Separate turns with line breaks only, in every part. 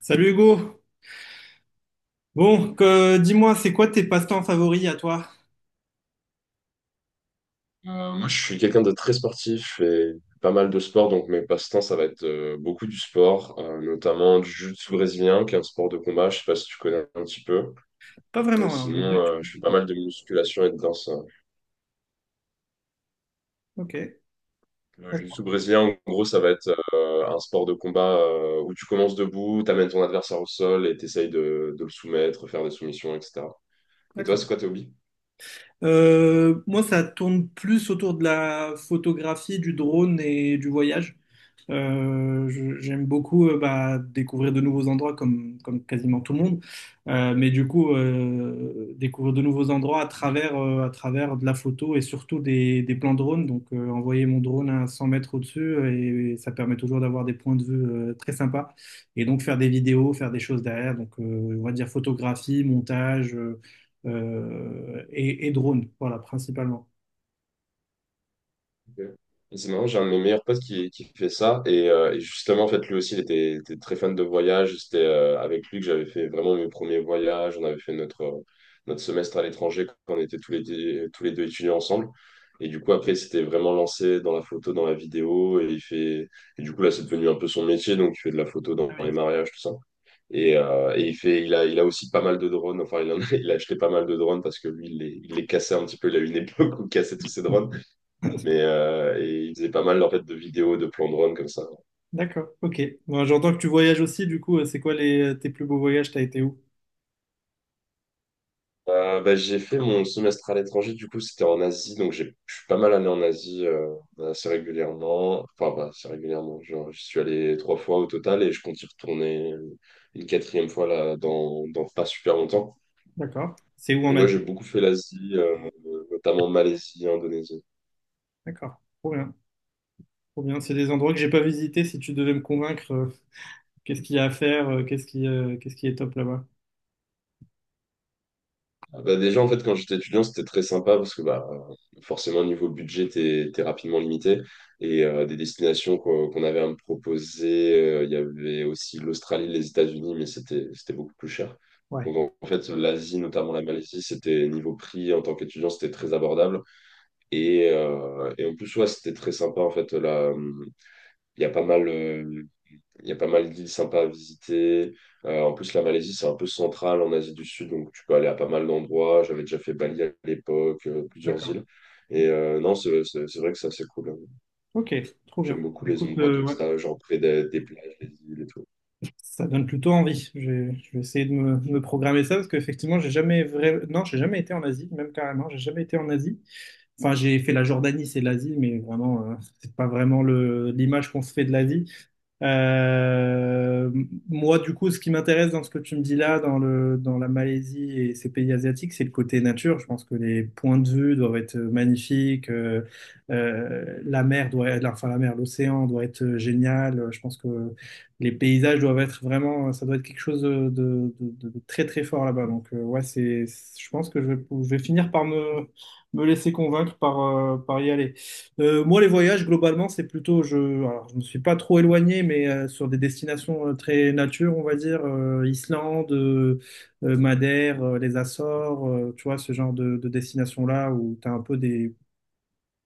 Salut Hugo. Dis-moi, c'est quoi tes passe-temps favoris à toi?
Moi, je suis quelqu'un de très sportif et pas mal de sport, donc mes passe-temps, ça va être beaucoup du sport, notamment du jiu-jitsu brésilien, qui est un sport de combat, je sais pas si tu connais un petit peu.
Pas
Euh,
vraiment, alors je
sinon,
veux bien que tu
euh, je fais
m'expliques.
pas
Ouais.
mal de musculation et de danse.
Ok,
Le jiu-jitsu
d'accord,
brésilien, en gros, ça va être un sport de combat où tu commences debout, tu amènes ton adversaire au sol et tu essayes de le soumettre, faire des soumissions, etc. Et toi,
d'accord.
c'est quoi tes hobbies?
Moi, ça tourne plus autour de la photographie, du drone et du voyage. J'aime beaucoup bah, découvrir de nouveaux endroits comme quasiment tout le monde. Mais du coup, découvrir de nouveaux endroits à travers de la photo et surtout des plans drone. Donc, envoyer mon drone à 100 mètres au-dessus et, ça permet toujours d'avoir des points de vue très sympas. Et donc, faire des vidéos, faire des choses derrière. Donc, on va dire photographie, montage et drone. Voilà, principalement.
Ok. Et c'est marrant, j'ai un de mes meilleurs potes qui fait ça. Et justement, en fait, lui aussi, il était très fan de voyage. C'était avec lui que j'avais fait vraiment mes premiers voyages. On avait fait notre, notre semestre à l'étranger quand on était tous les deux étudiants ensemble. Et du coup, après, il s'était vraiment lancé dans la photo, dans la vidéo. Et, et du coup, là, c'est devenu un peu son métier. Donc, il fait de la photo dans
Ah
les
oui.
mariages, tout ça. Et il a aussi pas mal de drones. Enfin, il a acheté pas mal de drones parce que lui, il les cassait un petit peu. Il a eu une époque où il cassait tous ses drones. Mais et ils faisaient pas mal en fait de vidéos, de plans de run comme ça.
D'accord, ok. Bon, j'entends que tu voyages aussi, du coup, c'est quoi les, tes plus beaux voyages? T'as été où?
J'ai fait mon semestre à l'étranger, du coup c'était en Asie, donc je suis pas mal allé en Asie assez régulièrement. Enfin, pas assez régulièrement, genre je suis allé 3 fois au total et je compte y retourner une quatrième fois là dans, pas super longtemps.
D'accord. C'est où en
Donc ouais,
Asie?
j'ai beaucoup fait l'Asie, notamment Malaisie, Indonésie.
D'accord. Trop bien. Trop bien. C'est des endroits que j'ai pas visités. Si tu devais me convaincre, qu'est-ce qu'il y a à faire, qu'est-ce qui est top là-bas?
Ah bah déjà, en fait, quand j'étais étudiant, c'était très sympa parce que bah, forcément, niveau budget, t'es rapidement limité. Et des destinations qu'on avait à me proposer, il y avait aussi l'Australie, les États-Unis, mais c'était beaucoup plus cher.
Ouais.
Donc, en fait, l'Asie, notamment la Malaisie, c'était niveau prix en tant qu'étudiant, c'était très abordable. Et en plus, ouais, c'était très sympa. En fait, là, il y a pas mal. euh, il y a pas mal d'îles sympas à visiter. En plus, la Malaisie, c'est un peu central en Asie du Sud, donc tu peux aller à pas mal d'endroits. J'avais déjà fait Bali à l'époque, plusieurs
D'accord.
îles. Et non, c'est vrai que ça, c'est cool.
Ok, trop bien.
J'aime beaucoup
Bah,
les
écoute,
endroits comme
ouais.
ça, genre près des plages, des îles et tout.
Ça donne plutôt envie. Je vais essayer de de me programmer ça parce qu'effectivement, j'ai jamais vrai... non, j'ai jamais été en Asie, même carrément, j'ai jamais été en Asie. Enfin, j'ai fait la Jordanie, c'est l'Asie, mais vraiment, c'est pas vraiment le l'image qu'on se fait de l'Asie. Euh, Moi, du coup, ce qui m'intéresse dans ce que tu me dis là, dans la Malaisie et ces pays asiatiques, c'est le côté nature. Je pense que les points de vue doivent être magnifiques. La mer doit être, enfin, la mer, l'océan doit être génial. Je pense que les paysages doivent être vraiment, ça doit être quelque chose de très, très fort là-bas. Donc, ouais, c'est, je pense que je vais finir par me laisser convaincre par, par y aller. Moi, les voyages, globalement, c'est plutôt, je, alors, je me suis pas trop éloigné, mais sur des destinations très nature, on va dire, Islande, Madère, les Açores, tu vois, ce genre de destination-là où tu as un peu des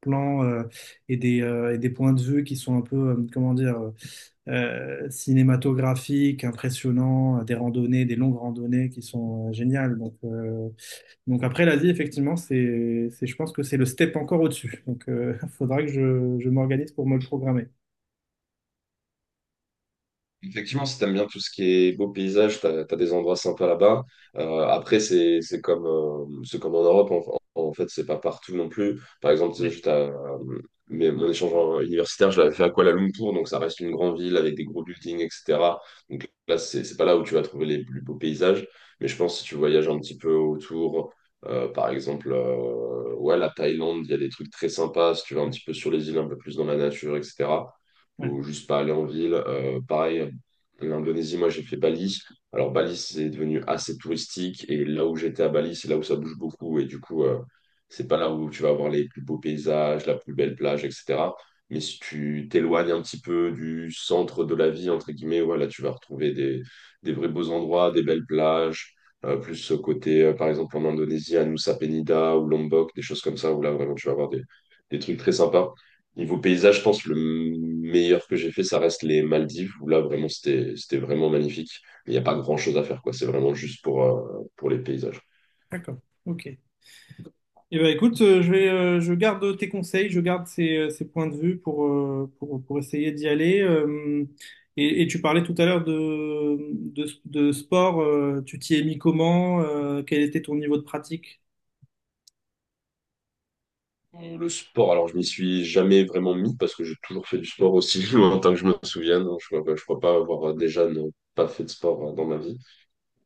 plans et des points de vue qui sont un peu, comment dire, cinématographiques, impressionnants, des randonnées, des longues randonnées qui sont géniales. Donc après l'Asie, effectivement, c'est, je pense que c'est le step encore au-dessus. Donc il faudra que je m'organise pour me le programmer.
Effectivement, si t'aimes bien tout ce qui est beau paysage, t'as des endroits sympas là-bas. Après, c'est comme en Europe, fait, c'est pas partout non plus. Par exemple, tu sais,
Ouais.
mais mon échange universitaire, je l'avais fait à Kuala Lumpur, donc ça reste une grande ville avec des gros buildings, etc. Donc là, c'est pas là où tu vas trouver les plus beaux paysages, mais je pense que si tu voyages un petit peu autour, par exemple, ouais, la Thaïlande, il y a des trucs très sympas, si tu vas un petit peu sur les îles, un peu plus dans la nature, etc.
Ouais,
Faut juste pas aller en ville. Pareil, l'Indonésie, moi, j'ai fait Bali. Alors, Bali, c'est devenu assez touristique. Et là où j'étais à Bali, c'est là où ça bouge beaucoup. Et du coup, c'est pas là où tu vas avoir les plus beaux paysages, la plus belle plage, etc. Mais si tu t'éloignes un petit peu du centre de la vie, entre guillemets, voilà, tu vas retrouver des vrais beaux endroits, des belles plages. Plus ce côté, par exemple, en Indonésie, à Nusa Penida ou Lombok, des choses comme ça, où là, vraiment, tu vas avoir des trucs très sympas. Niveau paysage, je pense le meilleur que j'ai fait, ça reste les Maldives, où là, vraiment, c'était vraiment magnifique. Mais il n'y a pas grand-chose à faire, quoi. C'est vraiment juste pour les paysages.
d'accord. Ok. Eh ben écoute, je vais, je garde tes conseils, je garde ces, ces points de vue pour essayer d'y aller. Et tu parlais tout à l'heure de sport, tu t'y es mis comment, quel était ton niveau de pratique?
Le sport, alors, je m'y suis jamais vraiment mis parce que j'ai toujours fait du sport aussi longtemps que je me souvienne. Je crois pas avoir déjà ne pas fait de sport dans ma vie.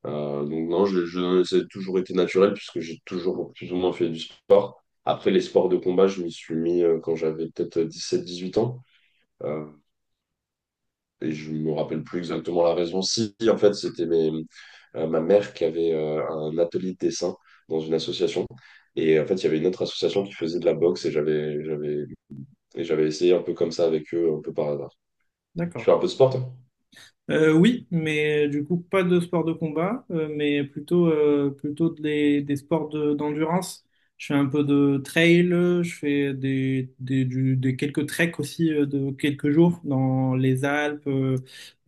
Donc, non, ça a toujours été naturel puisque j'ai toujours plus ou moins fait du sport. Après, les sports de combat, je m'y suis mis quand j'avais peut-être 17, 18 ans. Euh, et je me rappelle plus exactement la raison. Si, en fait, ma mère qui avait un atelier de dessin dans une association. Et en fait, il y avait une autre association qui faisait de la boxe et et j'avais essayé un peu comme ça avec eux, un peu par hasard. Tu
D'accord.
fais un peu de sport, toi?
Oui, mais du coup, pas de sport de combat, mais plutôt, plutôt des, d'endurance. Je fais un peu de trail, je fais des, des quelques treks aussi de quelques jours dans les Alpes, euh,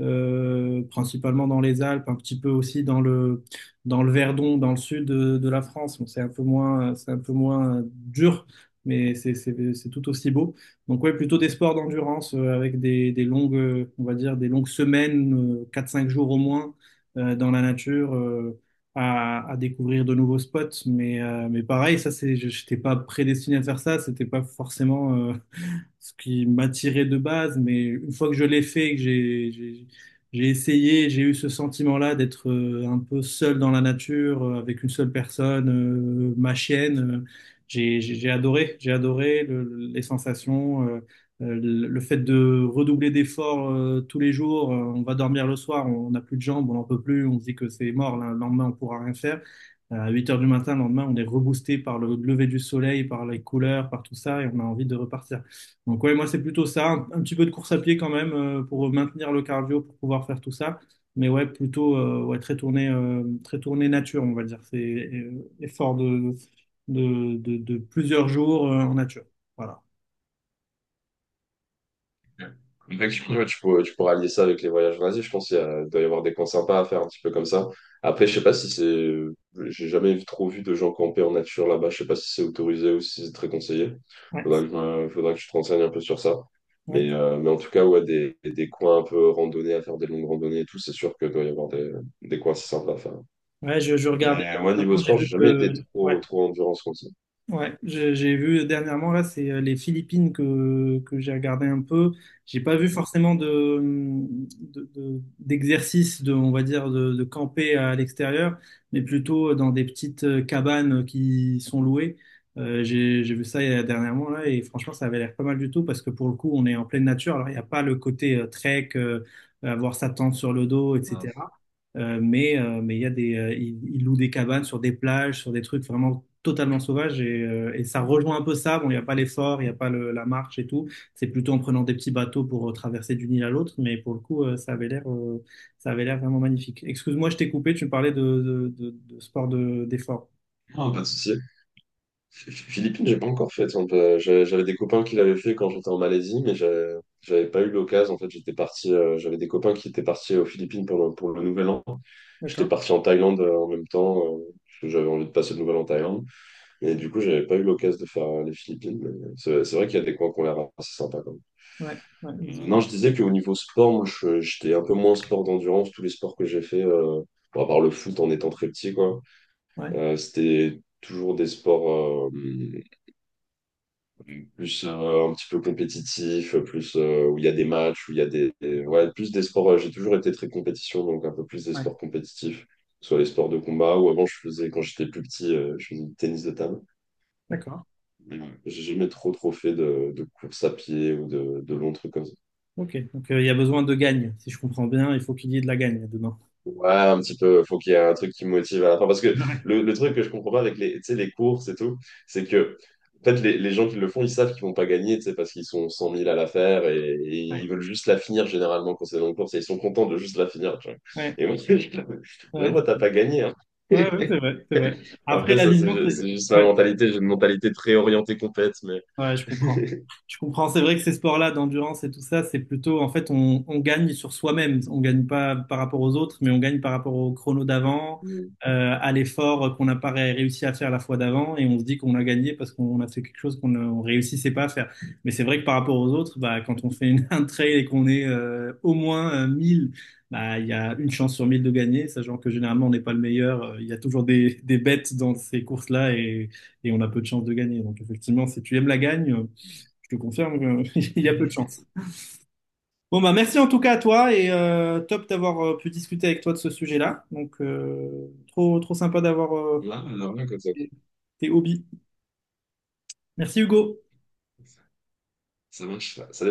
euh, principalement dans les Alpes, un petit peu aussi dans le Verdon, dans le sud de la France. Bon, c'est un peu moins dur, mais c'est tout aussi beau. Donc oui, plutôt des sports d'endurance avec des longues, on va dire, des longues semaines, 4-5 jours au moins, dans la nature, à découvrir de nouveaux spots. Mais pareil, ça c'est, j'étais pas prédestiné à faire ça, c'était pas forcément ce qui m'attirait de base, mais une fois que je l'ai fait, j'ai essayé, j'ai eu ce sentiment-là d'être un peu seul dans la nature, avec une seule personne, ma chienne. J'ai adoré, les sensations, le fait de redoubler d'efforts tous les jours. On va dormir le soir, on n'a plus de jambes, on n'en peut plus, on se dit que c'est mort, le lendemain on pourra rien faire. À 8 heures du matin, le lendemain, on est reboosté par le lever du soleil, par les couleurs, par tout ça, et on a envie de repartir. Donc ouais, moi c'est plutôt ça, un petit peu de course à pied quand même pour maintenir le cardio, pour pouvoir faire tout ça. Mais ouais, plutôt ouais, très tourné nature, on va dire. C'est effort de plusieurs jours en nature. Voilà.
Effectivement, ouais, tu pourras lier ça avec les voyages en Asie. Je pense il doit y avoir des coins sympas à faire un petit peu comme ça. Après, je sais pas si c'est. J'ai jamais trop vu de gens camper en nature là-bas. Je sais pas si c'est autorisé ou si c'est très conseillé.
Ouais,
Faudra que je te renseigne un peu sur ça.
ouais.
Mais en tout cas, ouais, des coins un peu randonnés à faire des longues randonnées et tout, c'est sûr que doit y avoir des coins assez sympas à faire.
Ouais, je regardais
Mais ouais, niveau
dernièrement, j'ai
sport, j'ai
vu
jamais été
que ouais,
trop, trop endurance comme ça.
J'ai vu dernièrement là, c'est les Philippines que j'ai regardé un peu. J'ai pas vu forcément d'exercice de, on va dire, de camper à l'extérieur, mais plutôt dans des petites cabanes qui sont louées. J'ai vu ça dernièrement là et franchement, ça avait l'air pas mal du tout parce que pour le coup, on est en pleine nature. Alors, il n'y a pas le côté trek, avoir sa tente sur le dos, etc. Mais il y a des, ils louent des cabanes sur des plages, sur des trucs vraiment totalement sauvages et ça rejoint un peu ça. Bon, il n'y a pas l'effort, il n'y a pas la marche et tout. C'est plutôt en prenant des petits bateaux pour traverser d'une île à l'autre. Mais pour le coup, ça avait l'air vraiment magnifique. Excuse-moi, je t'ai coupé. Tu me parlais de sport d'effort.
Non, pas de souci. Philippines, j'ai pas encore fait. Tiens, bah, j'avais des copains qui l'avaient fait quand j'étais en Malaisie, mais j'avais pas eu l'occasion. En fait, j'étais parti. J'avais des copains qui étaient partis aux Philippines pour le, Nouvel An. J'étais
D'accord.
parti en Thaïlande en même temps, parce que j'avais envie de passer le Nouvel An en Thaïlande. Et du coup, j'avais pas eu l'occasion de faire les Philippines. Mais c'est vrai qu'il y a des coins qui ont l'air assez sympas quand
Ouais, ouais,
même. Non, je disais qu'au niveau sport, moi, j'étais un peu moins sport d'endurance. Tous les sports que j'ai fait, bon, à part le foot en étant très petit, quoi.
ouais,
C'était toujours des sports, plus un petit peu compétitif, plus où il y a des matchs, où il y a ouais, plus des sports. J'ai toujours été très compétition, donc un peu plus des
ouais,
sports compétitifs, soit les sports de combat, ou avant je faisais, quand j'étais plus petit, je faisais du tennis de table.
d'accord.
Mais, j'ai jamais trop trop fait de course à pied ou de longs trucs comme ça.
Ok. Donc il y a besoin de gagne. Si je comprends bien, il faut qu'il y ait de la gagne demain.
Ouais, un petit peu, faut qu'il y ait un truc qui me motive à la fin. Parce que
Ouais,
le truc que je comprends pas avec les, tu sais, les courses et tout, c'est que en fait, les gens qui le font, ils savent qu'ils vont pas gagner, tu sais, parce qu'ils sont 100 000 à la faire et ils
ouais.
veulent juste la finir généralement quand c'est dans une course et ils sont contents de juste la finir. Tu vois.
Ouais.
Et moi, je
Ouais.
vraiment, t'as pas gagné. Hein.
Ouais, ouais, c'est vrai, c'est vrai. Après,
Après, ça,
l'alignement,
c'est
c'est...
juste ma
ouais.
mentalité. J'ai une mentalité très orientée compète, mais
Ouais, je comprends. Je comprends. C'est vrai que ces sports-là d'endurance et tout ça, c'est plutôt, en fait, on gagne sur soi-même. On gagne pas par rapport aux autres, mais on gagne par rapport au chrono d'avant,
Mm.
à l'effort qu'on n'a pas réussi à faire la fois d'avant, et on se dit qu'on a gagné parce qu'on a fait quelque chose qu'on ne on réussissait pas à faire. Mais c'est vrai que par rapport aux autres, bah, quand on fait une, un trail et qu'on est au moins 1000, bah, il y a une chance sur 1000 de gagner, sachant que généralement on n'est pas le meilleur. Il y a toujours des bêtes dans ces courses-là, et on a peu de chances de gagner. Donc effectivement, si tu aimes la gagne, je te confirme qu'il y a peu de chances. Bon bah merci en tout cas à toi et top d'avoir pu discuter avec toi de ce sujet-là. Donc trop trop sympa d'avoir
ça,
tes hobbies. Merci Hugo.
ça marche. Ça